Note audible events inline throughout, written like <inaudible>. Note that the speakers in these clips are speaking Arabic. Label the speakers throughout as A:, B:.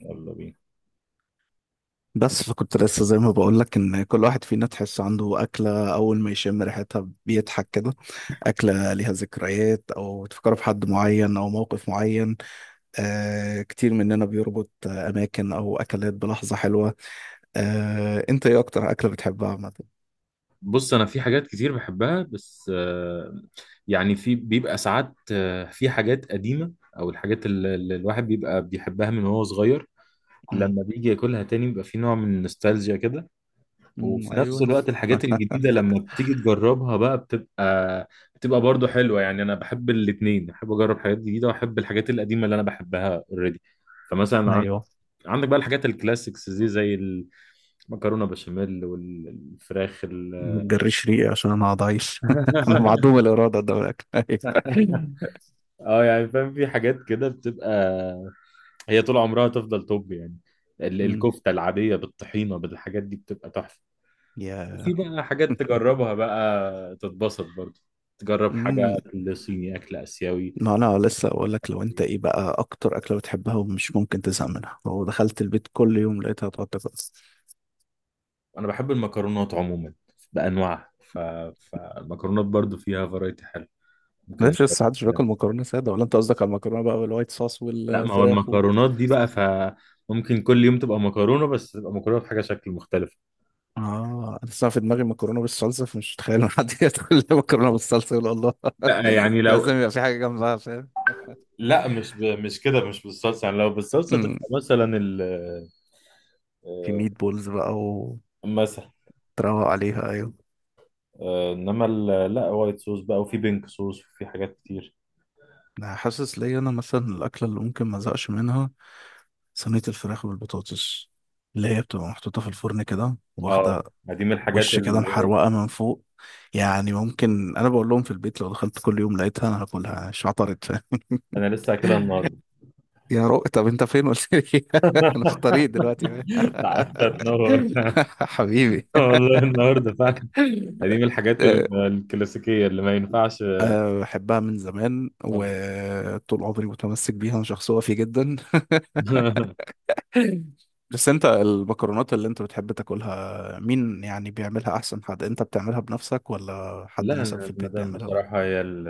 A: يلا بينا.
B: بس فكنت لسه زي ما بقول لك، ان كل واحد فينا تحس عنده اكله، اول ما يشم ريحتها بيضحك كده. اكله ليها ذكريات، او تفكر في حد معين او موقف معين. آه، كتير مننا بيربط اماكن او اكلات بلحظه حلوه. آه، انت ايه اكتر اكله بتحبها عامه؟
A: بص، انا في حاجات كتير بحبها بس يعني في بيبقى ساعات، في حاجات قديمة او الحاجات اللي الواحد بيبقى بيحبها من وهو صغير،
B: أمم.
A: لما بيجي ياكلها تاني بيبقى في نوع من النوستالجيا كده.
B: أمم،
A: وفي نفس
B: ايوه.
A: الوقت الحاجات الجديدة لما بتيجي تجربها بقى بتبقى برضو حلوة. يعني انا بحب الاتنين، بحب اجرب حاجات جديدة واحب الحاجات القديمة اللي انا بحبها اوريدي. فمثلا
B: ايوه،
A: عندك بقى الحاجات الكلاسيكس دي زي المكرونة بشاميل والفراخ.
B: ما تجريش ريقي عشان انا هقعد اعيش <laughs> انا معدوم
A: <laughs>
B: الاراده ده من الاكل، أيوة.
A: اه يعني فاهم، في حاجات كده بتبقى هي طول عمرها تفضل توب يعني.
B: <laughs> أمم،
A: الكفتة العادية بالطحينة بالحاجات دي بتبقى تحفة.
B: يا
A: في بقى حاجات
B: <laughs>
A: تجربها بقى تتبسط برضه، تجرب حاجة
B: مم.
A: أكل صيني أكل آسيوي.
B: ما انا لسه اقول لك، لو انت ايه بقى اكتر اكله بتحبها ومش ممكن تزهق منها، لو دخلت البيت كل يوم لقيتها تقعد تاكل؟
A: أنا بحب المكرونات عموما بأنواعها ف... فالمكرونات برضه فيها فرايتي حلو ممكن
B: ماشي، لسه محدش بياكل
A: يعني.
B: مكرونه ساده؟ ولا انت قصدك على المكرونه بقى والوايت صوص
A: لا، ما هو
B: والفراخ و...
A: المكرونات دي بقى فممكن كل يوم تبقى مكرونة، بس تبقى مكرونة بحاجة شكل مختلف.
B: اه، انا لسه في دماغي مكرونه بالصلصه، فمش متخيل إن حد <laughs> ياكل مكرونه بالصلصه يقول الله.
A: لا
B: <laughs>
A: يعني
B: لازم
A: لو،
B: يبقى في حاجه جنبها، فاهم؟
A: لا مش كده، مش بالصلصه. يعني لو بالصلصه
B: أمم.
A: تبقى مثلا ال،
B: في
A: آه،
B: ميت بولز بقى وتروق
A: مثلا،
B: عليها، ايوه.
A: آه، انما ال... لا وايت صوص بقى، وفي بينك صوص، وفي حاجات كتير.
B: انا حاسس ليا انا مثلا، الاكله اللي ممكن ما ازهقش منها صينية الفراخ بالبطاطس، اللي هي بتبقى محطوطة في الفرن كده واخدة
A: اه، ما دي من الحاجات
B: وش كده،
A: اللي
B: محروقة من فوق. يعني ممكن، أنا بقول لهم في البيت، لو دخلت كل يوم لقيتها أنا هاكلها مش عطرت.
A: انا لسه اكلها
B: <laughs>
A: النهارده.
B: يا رو، طب أنت فين قلت لي؟ <laughs> أنا في الطريق دلوقتي.
A: تعالى تنور.
B: <laughs>
A: <laughs>
B: حبيبي.
A: والله النهارده فعلا دي
B: أه،
A: من الحاجات الكلاسيكيه اللي ما ينفعش.
B: أه، بحبها من زمان
A: طبعا.
B: وطول عمري متمسك بيها، أنا شخص وفي جدا.
A: <laughs>
B: بس انت المكرونات اللي انت بتحب تاكلها، مين يعني بيعملها احسن، حد انت بتعملها بنفسك ولا
A: لا،
B: حد مثلا
A: انا
B: في البيت
A: المدام
B: بيعملها؟
A: بصراحه هي ال...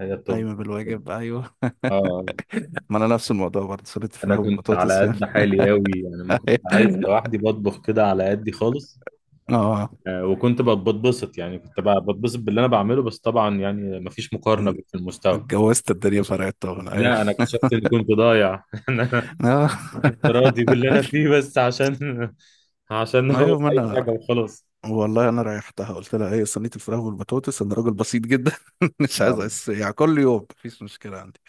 A: هي التوب.
B: ايوه، بالواجب، ايوه.
A: اه.
B: <laughs> ما انا نفس الموضوع برضه، صينيه
A: انا
B: الفراخ
A: كنت
B: بالبطاطس،
A: على
B: فاهم؟
A: قد حالي قوي يعني، ما كنت عايز
B: <laughs>
A: لوحدي بطبخ كده على قدي خالص.
B: اه،
A: وكنت بتبسط يعني، كنت بتبسط باللي انا بعمله، بس طبعا يعني مفيش مقارنه في المستوى.
B: اتجوزت الدنيا فرقت طبعا، ايوه.
A: لا انا اكتشفت اني كنت ضايع <laughs> ان انا
B: <laughs> اه.
A: راضي باللي انا فيه
B: <laughs>
A: بس عشان <laughs> عشان هو
B: ايوه، ما
A: اي
B: انا
A: حاجه وخلاص.
B: والله، انا ريحتها قلت لها ايه، صينيه الفراخ والبطاطس، انا راجل بسيط جدا. <laughs> مش
A: اه.
B: عايز أعيش- يعني كل يوم مفيش مشكله عندي.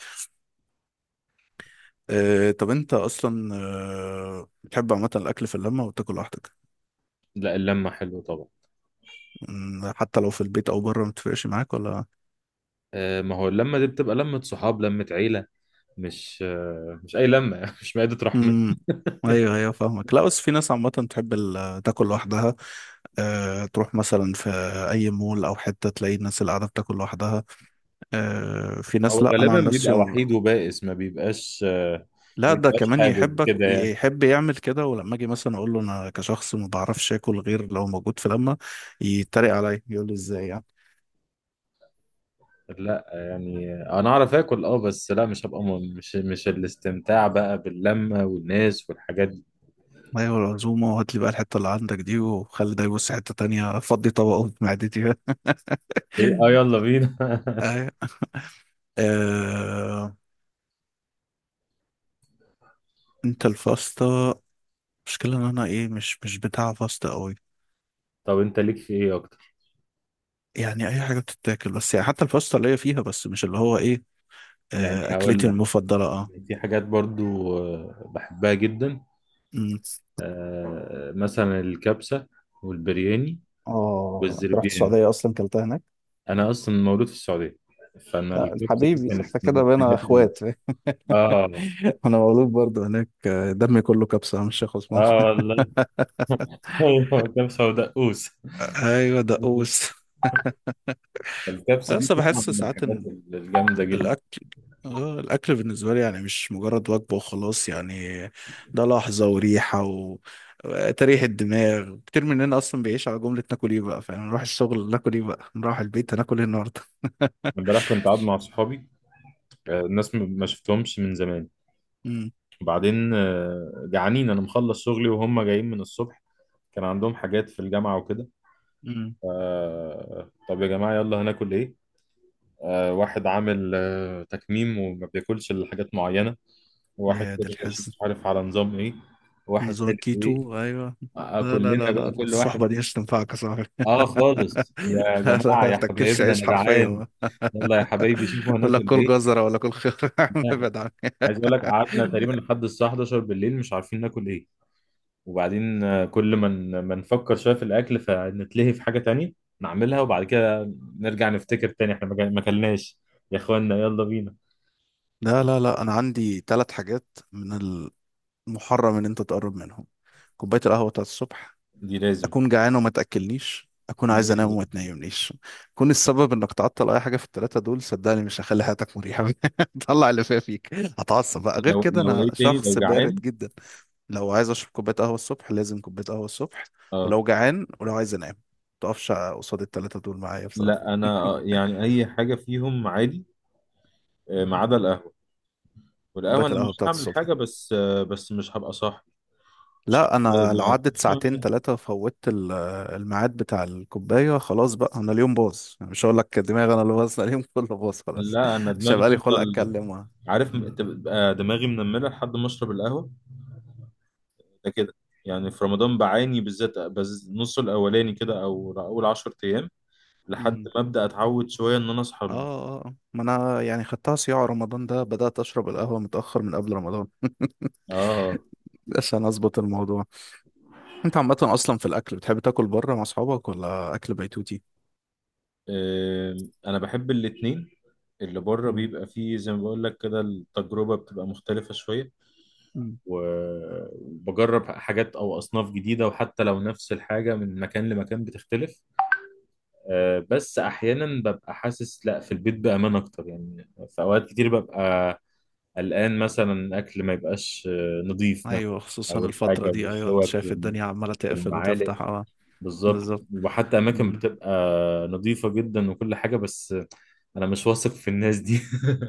B: آه، طب انت اصلا بتحب عامه الاكل في اللمه وتاكل لوحدك؟
A: لا، اللمه حلوه طبعا.
B: حتى لو في البيت او بره ما بتفرقش معاك ولا؟
A: ما هو اللمه دي بتبقى لمه صحاب، لمه عيله، مش مش اي لمه <laughs> مش مائده رحمه.
B: امم ايوه، ايوه، فاهمك، لا بس في ناس عامه تحب تاكل لوحدها. أه، تروح مثلا في اي مول او حته، تلاقي الناس اللي قاعده بتاكل لوحدها. أه، في
A: هو
B: ناس، لا انا
A: غالبا
B: عن نفسي
A: بيبقى وحيد وبائس، ما بيبقاش، ما
B: لا ده
A: بيبقاش
B: كمان
A: حابب
B: يحبك
A: كده يعني.
B: يحب يعمل كده، ولما اجي مثلا اقول له انا كشخص ما بعرفش اكل غير لو موجود في لمه، يتريق عليا يقول لي ازاي.
A: لا يعني انا اعرف اكل، اه، بس لا مش هبقى مش الاستمتاع بقى باللمه والناس والحاجات دي.
B: ايوه، العزومه، وهات لي بقى الحته اللي عندك دي وخلي ده يبص حته تانية، فضي طبقه في معدتي. <laughs>
A: ايه اه، يلا بينا. <laughs>
B: أيوة. آه... انت الفاستا؟ مشكلة ان انا ايه، مش بتاع فاستا قوي.
A: طب انت ليك في ايه اكتر؟
B: يعني اي حاجة بتتاكل، بس يعني حتى الفاستا اللي هي فيها، بس مش اللي هو ايه.
A: يعني هقول
B: اكلتي
A: لك،
B: المفضلة، اه.
A: يعني في حاجات برضو بحبها جدا،
B: أمم.
A: مثلا الكبسه والبرياني
B: اه، انت رحت
A: والزربيان.
B: السعودية اصلا كلتها هناك؟
A: انا اصلا مولود في السعوديه، فانا
B: آه،
A: الكبسه دي
B: حبيبي،
A: كانت
B: احنا
A: من
B: كده بقينا
A: الحاجات اللي،
B: اخوات.
A: اه
B: <laughs> انا مولود برضه هناك، دمي كله كبسة مش خصمان.
A: اه والله. <laughs> ايوه كبسه ودقوس.
B: <laughs> ايوه، دقوس.
A: الكبسة دي
B: بس
A: طبعا
B: بحس
A: من
B: ساعات
A: الحاجات الجامدة جدا.
B: الأكل الأكل بالنسبة لي يعني مش مجرد وجبة وخلاص يعني. ده لحظة وريحة و... وتريح الدماغ، كتير مننا أصلا بيعيش على جملة ناكل إيه بقى، فاهم، نروح الشغل ناكل إيه بقى، نروح البيت هناكل إيه النهاردة. <laughs>
A: امبارح كنت قاعد مع صحابي، الناس ما شفتهمش من زمان.
B: امم،
A: وبعدين جعانين، أنا مخلص شغلي وهم جايين من الصبح، كان عندهم حاجات في الجامعة وكده.
B: امم،
A: طب يا جماعة يلا هناكل إيه؟ واحد عامل تكميم وما بياكلش إلا حاجات معينة، وواحد
B: يا ده
A: تاني مش
B: الحزن.
A: مش عارف على نظام إيه، واحد
B: نظام
A: تالت إيه،
B: الكيتو، أيوه. لا، لا، لا،
A: كلنا
B: لا،
A: بقى
B: لا،
A: كل واحد.
B: الصحبة دي مش تنفعك يا صاحبي. <laughs>
A: آه خالص يا
B: لا، لا،
A: جماعة
B: ما
A: يا
B: تاكلش
A: حبايبنا
B: عيش
A: أنا جعان،
B: حرفيا.
A: يلا يا حبايبي شوفوا
B: ولا
A: هناكل
B: كل
A: إيه.
B: جزرة، ولا كل خيار.
A: <laughs>
B: <laughs>
A: آه،
B: ابعد عنها.
A: عايز اقول لك قعدنا تقريبا لحد الساعه 11 بالليل مش عارفين ناكل ايه. وبعدين كل ما نفكر شويه في الاكل فنتلهي في حاجه تانية نعملها، وبعد كده نرجع نفتكر تاني احنا ما اكلناش. يا اخوانا يلا بينا.
B: لا، لا، لا، انا عندي ثلاث حاجات، من محرم ان انت تقرب منهم: كوبايه القهوه بتاعت الصبح،
A: دي لازم.
B: اكون جعان وما تاكلنيش، اكون
A: دي
B: عايز انام
A: لازم.
B: وما تنيمنيش. كون السبب انك تعطل اي حاجه في الثلاثه دول، صدقني مش هخلي حياتك مريحه. <laughs> طلع اللي فيها فيك، هتعصب بقى، غير
A: لو
B: كده
A: لو ايه
B: انا
A: تاني، لو
B: شخص بارد
A: جعان.
B: جدا. لو عايز اشرب كوبايه قهوه الصبح، لازم كوبايه قهوه الصبح.
A: اه.
B: ولو جعان، ولو عايز انام، متقفش قصاد الثلاثه دول معايا بصراحه.
A: لا انا،
B: <laughs>
A: يعني اي حاجه فيهم عادي، ما عدا القهوه.
B: كوبايه
A: والقهوه انا
B: القهوه
A: مش
B: بتاعت
A: هعمل
B: الصبح،
A: حاجه بس بس مش هبقى صاحي، مش هبقى
B: لا انا لو عدت ساعتين
A: معاك.
B: ثلاثه فوتت الميعاد بتاع الكوبايه، خلاص بقى انا اليوم باظ. أنا مش هقول لك دماغي انا اللي باظ، لا، اليوم <laughs> كله باظ خلاص.
A: لا انا
B: <laughs> مش
A: دماغي
B: هيبقى لي خلق
A: تفضل،
B: اتكلم
A: عارف،
B: مم.
A: تبقى دماغي منمله لحد ما اشرب القهوه. ده كده يعني، في رمضان بعاني بالذات بز نص الاولاني كده او اول 10 ايام لحد
B: مم.
A: ما ابدا اتعود شويه ان انا اصحى
B: اه،
A: من.
B: آه، آه. ما انا يعني خدتها صياع، رمضان ده بدات اشرب القهوه متاخر من قبل رمضان. <laughs>
A: اه.
B: عشان اظبط الموضوع. انت عامه اصلا في الاكل بتحب تاكل بره مع اصحابك ولا اكل بيتوتي؟
A: آم، انا بحب الاتنين. اللي بره
B: مم.
A: بيبقى فيه زي ما بقول لك كده، التجربه بتبقى مختلفه شويه،
B: مم.
A: وبجرب حاجات او اصناف جديده، وحتى لو نفس الحاجه من مكان لمكان بتختلف. بس احيانا ببقى حاسس لا في البيت بامان اكتر، يعني في اوقات كتير ببقى قلقان مثلا الاكل ما يبقاش نظيف مثلا،
B: ايوه، خصوصا
A: او الحاجه
B: الفتره دي، ايوه، انت
A: والشوك
B: شايف الدنيا عماله تقفل
A: والمعالق.
B: وتفتح. اه.
A: بالظبط،
B: بالظبط،
A: وحتى اماكن بتبقى نظيفه جدا وكل حاجه، بس انا مش واثق في الناس دي.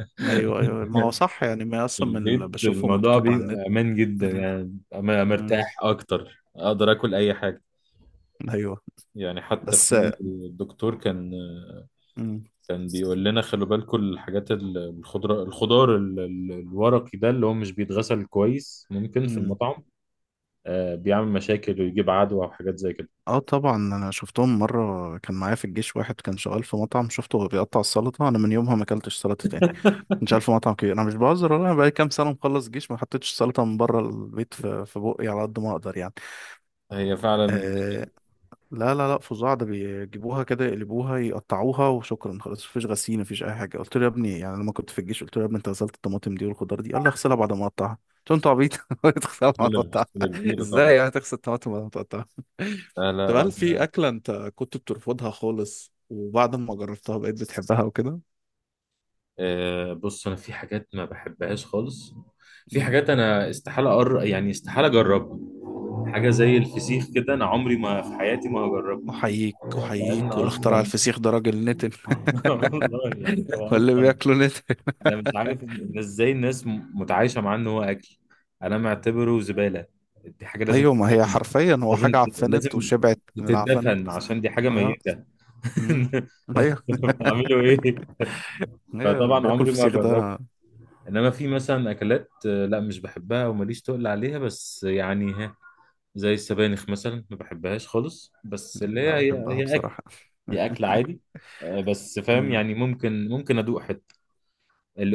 A: <laughs>
B: ايوه، ايوه، ما هو صح يعني، ما
A: في
B: اصلا من اللي
A: البيت
B: بشوفه
A: الموضوع
B: مكتوب على النت.
A: بيبقى امان جدا
B: مم.
A: يعني، أنا
B: مم.
A: مرتاح اكتر اقدر اكل اي حاجه.
B: ايوه،
A: يعني حتى
B: بس.
A: في الدكتور كان
B: مم.
A: كان بيقول لنا خلوا بالكم الحاجات الخضرة، الخضار الورقي ده اللي هو مش بيتغسل كويس ممكن في
B: مم.
A: المطعم بيعمل مشاكل ويجيب عدوى وحاجات زي كده.
B: اه طبعا، انا شفتهم مره، كان معايا في الجيش واحد كان شغال في مطعم، شفته وهو بيقطع السلطه، انا من يومها ما اكلتش سلطه تاني. كنت شغال في مطعم كبير، انا مش بهزر والله، انا بقالي كام سنه مخلص جيش، ما حطيتش سلطه من بره البيت، في بقي على قد ما اقدر يعني.
A: هي فعلا
B: آه، لا، لا، لا، فظاع ده، بيجيبوها كده يقلبوها يقطعوها وشكرا، خلاص مفيش غسيل مفيش اي حاجه. قلت له يا ابني، يعني لما كنت في الجيش، قلت له يا ابني انت غسلت الطماطم دي والخضار دي؟ قال لي اغسلها بعد ما اقطعها. قلت له انت عبيط <laughs> تغسلها بعد ما
A: مشكلة،
B: تقطعها؟
A: مشكلة كبيرة طبعا.
B: ازاي يعني تغسل الطماطم بعد ما تقطعها؟ <laughs>
A: لا
B: طب
A: لا
B: هل في
A: أنا-،
B: اكله انت كنت بترفضها خالص وبعد ما جربتها بقيت بتحبها وكده؟
A: بص أنا في حاجات ما بحبهاش خالص، في
B: مم.
A: حاجات أنا استحالة أقر، يعني استحالة أجربها. حاجة زي الفسيخ كده أنا عمري ما في حياتي ما هجربها،
B: احييك،
A: لأن
B: احييك، واللي اخترع
A: أصلا،
B: الفسيخ ده راجل نتن.
A: <laughs> والله يعني
B: <laughs>
A: هو
B: ولا
A: أصلا
B: بياكله نتن.
A: انا مش عارف إن ازاي الناس متعايشه معاه ان هو اكل. انا معتبره زباله، دي حاجه لازم
B: ايوه، ما هي
A: تترمي.
B: حرفيا هو حاجه
A: لازم
B: عفنت
A: لازم
B: وشبعت من العفن،
A: تتدفن، عشان دي حاجه
B: اه.
A: ميته.
B: مم.
A: <laughs>
B: ايوه،
A: انتوا بتعملوا ايه؟
B: ايه اللي
A: فطبعا
B: بياكل
A: عمري ما
B: فسيخ ده،
A: جربت.
B: انا.
A: انما في مثلا اكلات، لا مش بحبها وماليش تقل عليها بس يعني ها، زي السبانخ مثلا ما بحبهاش خالص، بس اللي
B: لا، بحبها
A: هي اكل،
B: بصراحة.
A: هي اكل عادي. بس فاهم
B: مم.
A: يعني، ممكن ممكن ادوق حته.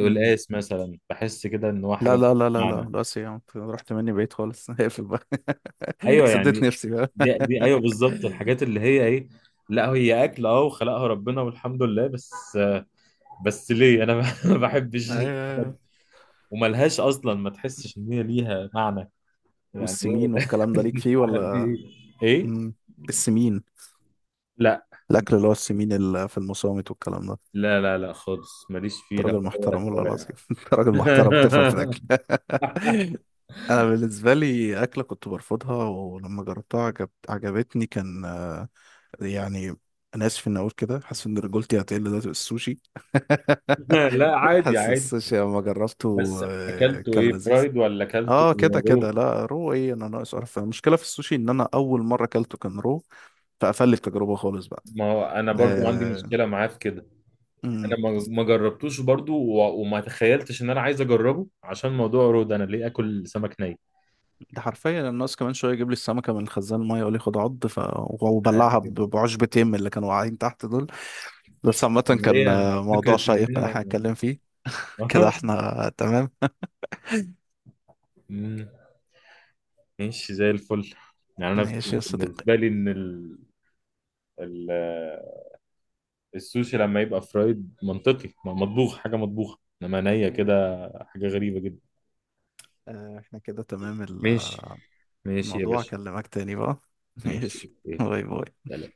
B: مم.
A: مثلا بحس كده ان هو حاجه
B: لا،
A: ملهاش
B: لا، لا، لا، لا،
A: معنى.
B: بس يا عم رحت مني بعيد خالص. <laughs> هقفل بقى. <laughs>
A: ايوه
B: سديت
A: يعني،
B: نفسي بقى.
A: دي ايوه بالظبط الحاجات اللي هي ايه. لا هي اكل اه، وخلقها ربنا والحمد لله، بس بس ليه انا <laughs> ما بحبش
B: ايوه.
A: الحاجات
B: أيوة.
A: دي. وملهاش اصلا، ما تحسش ان هي ليها معنى، يعني ايه
B: والسمين
A: ده.
B: والكلام ده ليك
A: <laughs>
B: فيه
A: عمل
B: ولا؟
A: بيه؟ ايه ايه؟
B: مم. السمين،
A: لا
B: الاكل اللي هو السمين اللي في المصامت والكلام ده، انت
A: لا خالص ماليش فيه، لا
B: راجل
A: هدى ولا
B: محترم والله
A: كوارع.
B: العظيم. <laughs> انت راجل محترم تفهم في الاكل. <laughs> انا بالنسبه لي اكله كنت برفضها ولما جربتها عجبتني، كان يعني، انا اسف اني اقول كده، حاسس ان رجولتي هتقل دلوقتي، بالسوشي.
A: <laughs> لا
B: <laughs>
A: عادي
B: حاسس
A: عادي.
B: السوشي لما جربته
A: بس اكلته
B: كان
A: ايه،
B: لذيذ.
A: فرايد ولا اكلته
B: اه كده
A: رو؟
B: كده، لا رو ايه، انا ناقص اعرف، المشكله في السوشي ان انا اول مره اكلته كان رو، فقفل لي التجربه خالص بقى.
A: ما هو انا برضو عندي
B: آه.
A: مشكله معاه في كده.
B: أمم.
A: انا ما جربتوش برضو، وما تخيلتش ان انا عايز اجربه، عشان موضوع رود، انا ليه اكل سمك ني.
B: ده حرفيا الناس كمان شويه يجيب لي السمكه من الخزان الميه، يقول لي خد عض، ف...
A: أنا
B: وبلعها
A: كده.
B: بعشبتين من اللي كانوا واقعين تحت دول. بس عامه
A: إن
B: كان
A: هي
B: موضوع
A: فكره ان
B: شيق
A: هي.
B: اللي احنا هنتكلم فيه. كده
A: <laughs>
B: احنا تمام؟
A: مم. ماشي زي الفل. يعني انا
B: ماشي يا صديقي،
A: بالنسبه لي ان ال... ال... السوشي لما يبقى فرايد منطقي، ما مطبوخ حاجه مطبوخه، انما نيه
B: ايوه،
A: كده حاجه غريبه جدا.
B: احنا كده تمام.
A: ماشي. ماشي يا
B: الموضوع،
A: باشا.
B: اكلمك تاني بقى. <laughs>
A: ماشي
B: ماشي.
A: اوكي.
B: باي باي.
A: سلام.